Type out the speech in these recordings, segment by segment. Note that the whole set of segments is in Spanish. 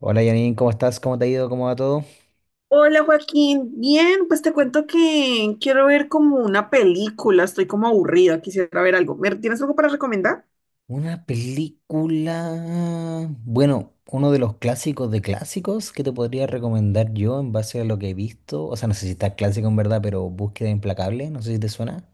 Hola Janine, ¿cómo estás? ¿Cómo te ha ido? ¿Cómo va todo? Hola Joaquín, bien, pues te cuento que quiero ver como una película, estoy como aburrida, quisiera ver algo. ¿Tienes algo para recomendar? Una película... Bueno, uno de los clásicos de clásicos que te podría recomendar yo en base a lo que he visto. O sea, no sé si está clásico en verdad, pero Búsqueda Implacable, no sé si te suena.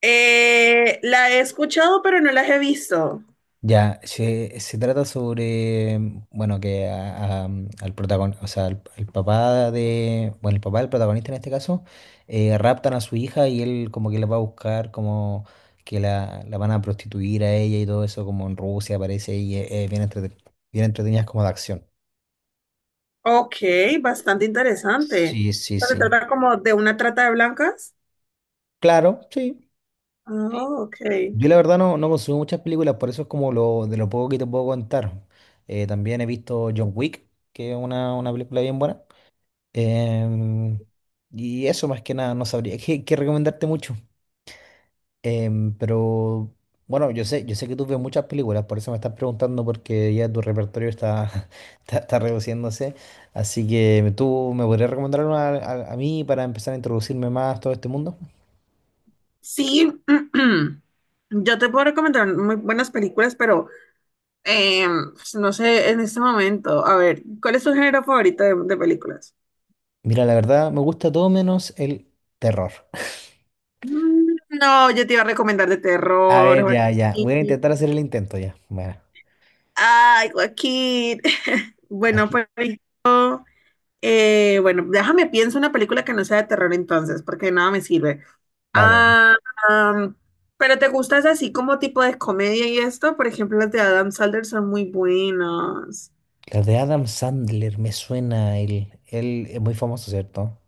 La he escuchado, pero no la he visto. Ya, se trata sobre, bueno, que al protagonista, o sea, al papá de, bueno, el papá del protagonista en este caso, raptan a su hija y él como que la va a buscar, como que la van a prostituir a ella y todo eso, como en Rusia aparece y es bien entretenidas como de acción. Ok, bastante interesante. Sí, sí, ¿Se sí. trata como de una trata de blancas? Claro, sí. Oh, ok. Yo la verdad no, no consumo muchas películas, por eso es como lo de lo poco que te puedo contar. También he visto John Wick, que es una película bien buena. Em, y eso más que nada, no sabría qué, qué recomendarte mucho. Pero bueno, yo sé que tú ves muchas películas, por eso me estás preguntando porque ya tu repertorio está, está, está reduciéndose. Así que tú me podrías recomendar una a mí para empezar a introducirme más a todo este mundo. Sí, yo te puedo recomendar muy buenas películas, pero eh, pues, no sé en este momento. A ver, ¿cuál es tu género favorito de películas? Mira, la verdad, me gusta todo menos el terror. Mm, no, yo te iba a recomendar de A terror, ver, ya, ya. Voy a Joaquín. intentar hacer el intento ya. Bueno, Ay, Joaquín. Bueno, así. pues, bueno, déjame pienso una película que no sea de terror entonces, porque de nada me sirve. Vale, vale. Ah, am, pero te gustas así como tipo de comedia y esto, por ejemplo, las de Adam Sandler son muy buenas. La de Adam Sandler me suena, él es muy famoso, ¿cierto?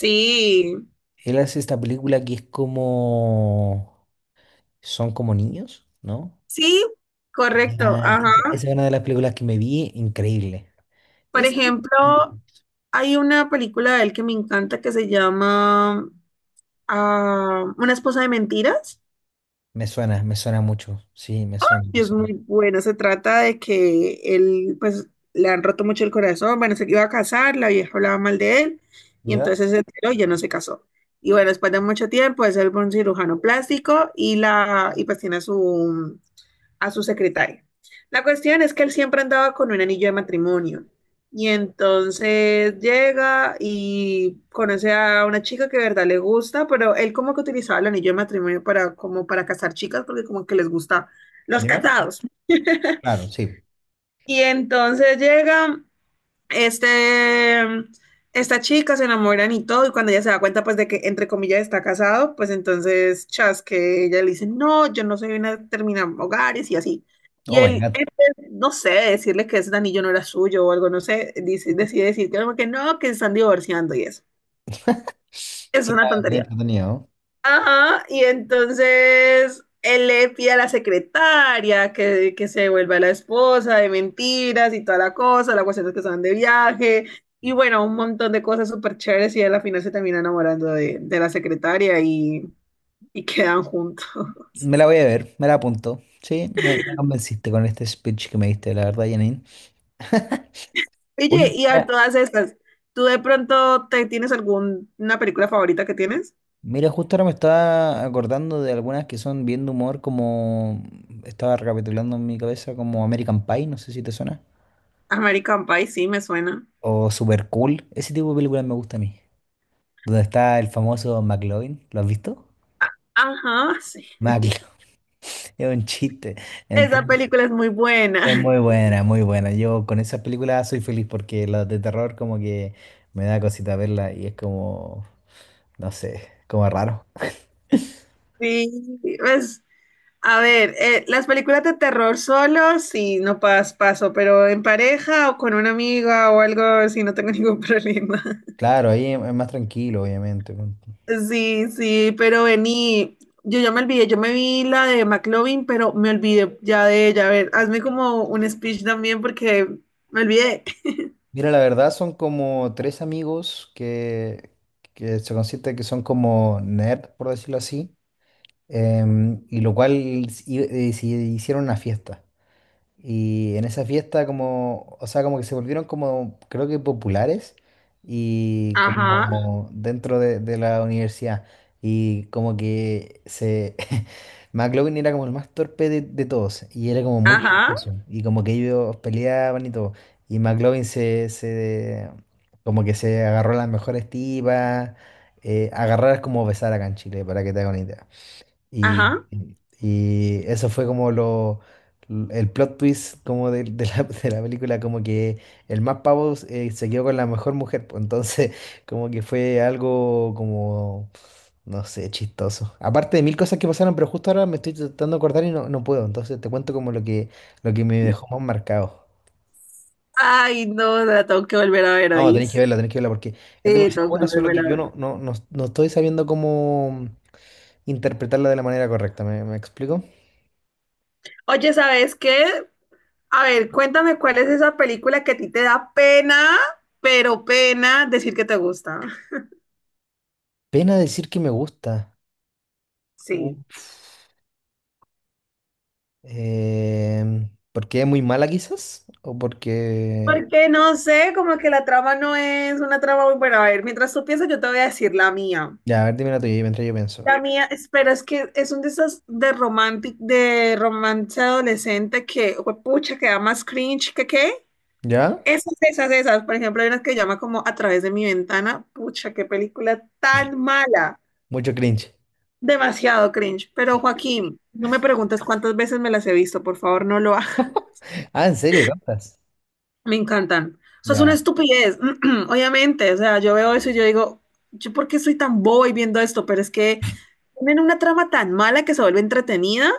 Sí, Él hace esta película que es como... Son como niños, ¿no? sí, correcto. Ah, Ajá. esa es una de las películas que me vi, increíble. Por Esa me gusta ejemplo, mucho. hay una película de él que me encanta que se llama Una esposa de mentiras. Me suena mucho. Sí, me suena, me Y es muy suena. bueno, se trata de que él, pues, le han roto mucho el corazón, bueno, se iba a casar, la vieja hablaba mal de él, y ¿Ya? entonces se enteró y ya no se casó. Y bueno, después de mucho tiempo, es él fue un cirujano plástico y la, y pues tiene su, a su secretaria. La cuestión es que él siempre andaba con un anillo de matrimonio. Y entonces llega y conoce a una chica que de verdad le gusta, pero él como que utilizaba el anillo de matrimonio para como para casar chicas, porque como que les gusta los ¿Ya? casados. Claro, sí. Y entonces llega este, esta chica se enamoran y todo, y cuando ella se da cuenta, pues, de que, entre comillas, está casado, pues, entonces, chas, que ella le dice, no, yo no soy una terminar hogares y así. Y Oh my él, en God. vez, no sé, de decirle que ese anillo no era suyo o algo, no sé, dice, decide decir que no, que no, que se están divorciando y eso. Es Suena una muy tontería. entretenido. Ajá, y entonces él le pide a la secretaria que se vuelva la esposa de mentiras y toda la cosa, la cuestión es que se van de viaje, y bueno, un montón de cosas súper chéveres y él al final se termina enamorando de la secretaria y quedan juntos. Me la voy a ver, me la apunto. Sí, me convenciste con este speech que me diste, la verdad, Janine. Oye, Oye, y a todas estas, ¿tú de pronto te tienes alguna película favorita que tienes? mira, justo ahora me estaba acordando de algunas que son bien de humor, como estaba recapitulando en mi cabeza, como American Pie, no sé si te suena, American Pie, sí, me suena. o Super Cool, ese tipo de películas me gusta a mí. Donde está el famoso McLovin, ¿lo has visto? Ajá, sí. McLovin, es un chiste. Esa Entonces, película es muy es buena. muy buena, muy buena. Yo con esas películas soy feliz porque las de terror como que me da cosita verla y es como, no sé, como raro. Sí, pues a ver, las películas de terror solo, sí, no pas- paso, pero en pareja o con una amiga o algo, sí, no tengo ningún problema. Claro, ahí es más tranquilo, obviamente. Sí, sí, pero vení, yo ya me olvidé, yo me vi la de McLovin, pero me olvidé ya de ella. A ver, hazme como un speech también porque me olvidé. Mira, la verdad son como tres amigos que se consiste que son como nerd, por decirlo así, y lo cual se hicieron una fiesta. Y en esa fiesta como, o sea, como que se volvieron como, creo que populares y Ajá, como dentro de la universidad. Y como que se... McLovin era como el más torpe de todos y era como muy ajá, chistoso. Y como que ellos peleaban y todo. Y McLovin se como que se agarró a las mejores tipas. Agarrar es como besar acá en Chile, para que te hagas una idea. Y, ajá. y eso fue como lo, el plot twist como de la, de la película, como que el más pavo se quedó con la mejor mujer, pues entonces como que fue algo como, no sé, chistoso. Aparte de mil cosas que pasaron, pero justo ahora me estoy tratando de acordar y no, no puedo, entonces te cuento como lo que me dejó más marcado. Ay, no, la tengo que volver a ver, No, ¿oís? Tenéis que verla porque es Sí, demasiado tengo que buena, solo volver que a yo ver. No estoy sabiendo cómo interpretarla de la manera correcta, ¿me, me explico? Oye, ¿sabes qué? A ver, cuéntame cuál es esa película que a ti te da pena, pero pena decir que te gusta. Pena decir que me gusta. Sí. Uf. ¿Porque es muy mala quizás? ¿O porque... Porque no sé, como que la trama no es una trama muy buena. A ver, mientras tú piensas, yo te voy a decir la mía. Ya, a ver, dime la tuya y mientras yo pienso. La mía, espera, es que es un de esos de romantic, de romance adolescente que, pucha, que da más cringe que qué. ¿Ya? Esas, esas, esas. Por ejemplo, hay unas que llama como A través de mi ventana. Pucha, qué película tan mala. Mucho cringe. Demasiado cringe. Pero Joaquín, no me preguntes cuántas veces me las he visto, por favor, no lo hagas. Ah, ¿en serio? ¿Tantas? Me encantan. Eso es una Ya. estupidez, obviamente. O sea, yo veo eso y yo digo, ¿yo por qué soy tan boba y viendo esto? Pero es que tienen una trama tan mala que se vuelve entretenida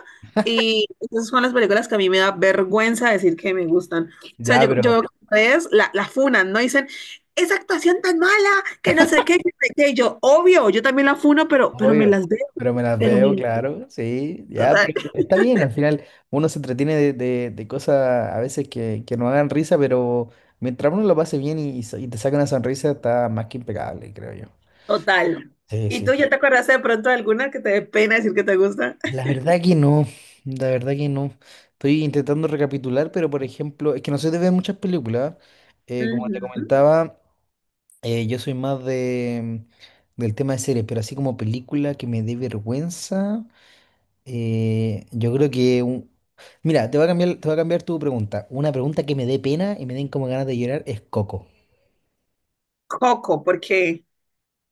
y esas son las películas que a mí me da vergüenza decir que me gustan. O sea, Ya, yo veo pero... que ustedes la, la funan, ¿no? Dicen, esa actuación tan mala, que no sé qué, que no sé qué. Y yo, obvio, yo también la funo, pero me Obvio. las veo, Pero me las pero veo, me claro. Sí. las Ya, pero veo. está bien. Al final uno se entretiene de, de cosas a veces que no hagan risa, pero mientras uno lo pase bien y te saca una sonrisa, está más que impecable, creo yo. Total. Sí, ¿Y tú ya te sí. acuerdas de pronto de alguna que te dé pena decir que te gusta? La verdad que no, la verdad que no. Estoy intentando recapitular, pero por ejemplo, es que no soy de ver muchas películas. Como te Ujú. comentaba, yo soy más de, del tema de series, pero así como película que me dé vergüenza, yo creo que... Mira, te voy a cambiar, te voy a cambiar tu pregunta. Una pregunta que me dé pena y me den como ganas de llorar es Coco. Coco, porque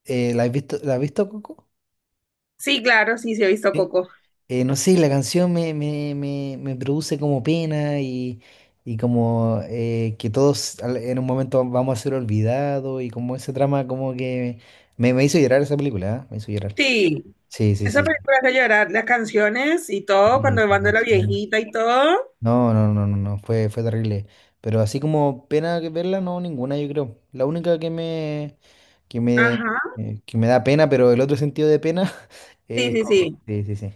¿La has visto, la has visto Coco? sí, claro, sí, sí he visto Sí. Coco. No sé, la canción me produce como pena y como que todos en un momento vamos a ser olvidados y como ese trama como que me hizo llorar esa película, ¿eh? Me hizo llorar. Sí, Sí, sí, esa sí. película hace llorar, las canciones y todo, Sí, cuando esa van de la canción. viejita y todo. No, no, no, no, no, fue, fue terrible. Pero así como pena que verla, no, ninguna, yo creo. La única que me, que me, Ajá, que me da pena, pero el otro sentido de pena sí, es sí, Coco. sí. Sí, sí, sí.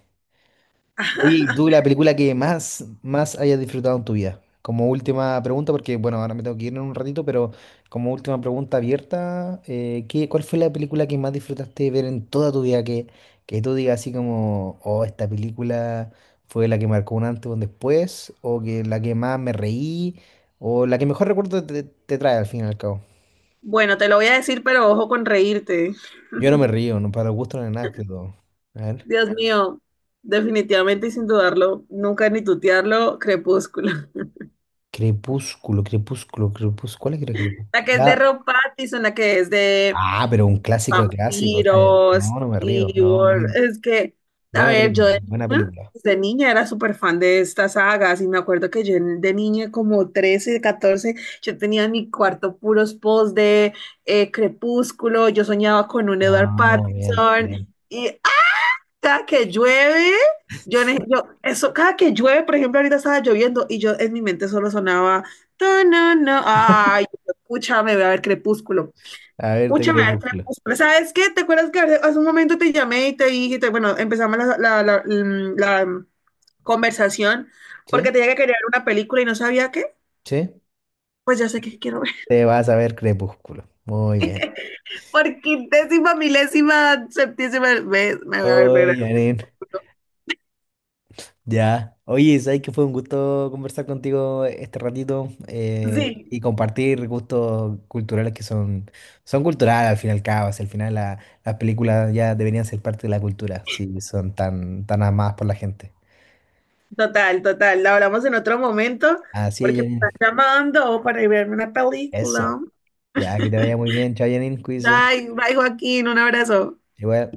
Oye, ¿y tú la película que más, más hayas disfrutado en tu vida? Como última pregunta, porque bueno, ahora me tengo que ir en un ratito, pero como última pregunta abierta, ¿qué, cuál fue la película que más disfrutaste ver en toda tu vida? Que tú digas así como, oh, esta película fue la que marcó un antes o un después, o que la que más me reí, o la que mejor recuerdo te, te trae al fin y al cabo. Bueno, te lo voy a decir, pero ojo con reírte. Yo no me río, no para el gusto no es nada, creo. A ver. Dios mío, definitivamente y sin dudarlo, nunca ni tutearlo, Crepúsculo. Crepúsculo, crepúsculo, crepúsculo. ¿Cuál es que era La crepúsculo? que es de Rob Pattinson, la que es de Ah, pero un clásico de clásicos. Tiros No, no me río. No, muy es que, a buena ver, yo película. Buena película. de niña era súper fan de estas sagas y me acuerdo que de niña como 13 14 yo tenía en mi cuarto puros posts de Crepúsculo, yo soñaba con un Edward No, bien, bien. Pattinson y ¡ah! Cada que llueve, yo, eso, cada que llueve, por ejemplo, ahorita estaba lloviendo y yo en mi mente solo sonaba, no, no, no, ay, escucha, me voy a ver Crepúsculo. A verte Mucha maestra, Crepúsculo. pues, ¿sabes qué? ¿Te acuerdas que hace un momento te llamé y te dije, bueno, empezamos conversación ¿Sí? porque tenía que crear una película y no sabía qué? ¿Sí? Pues ya sé qué quiero ver. Te vas a ver Crepúsculo. Muy bien. Por quintésima, milésima, septísima vez me voy a ver, mira. Oye, Janine, ya. Oye, sabes que fue un gusto conversar contigo este ratito Sí, y compartir gustos culturales que son, son culturales al fin y al cabo. Si al final las películas ya deberían ser parte de la cultura, si son tan, tan amadas por la gente. total, total. La hablamos en otro momento Así es, porque me Janine. están llamando para ir a verme una Eso. película. Ya, que te vaya muy bien. Chao, Janine, cuídese. Bye, bye, Joaquín, un abrazo. Igual.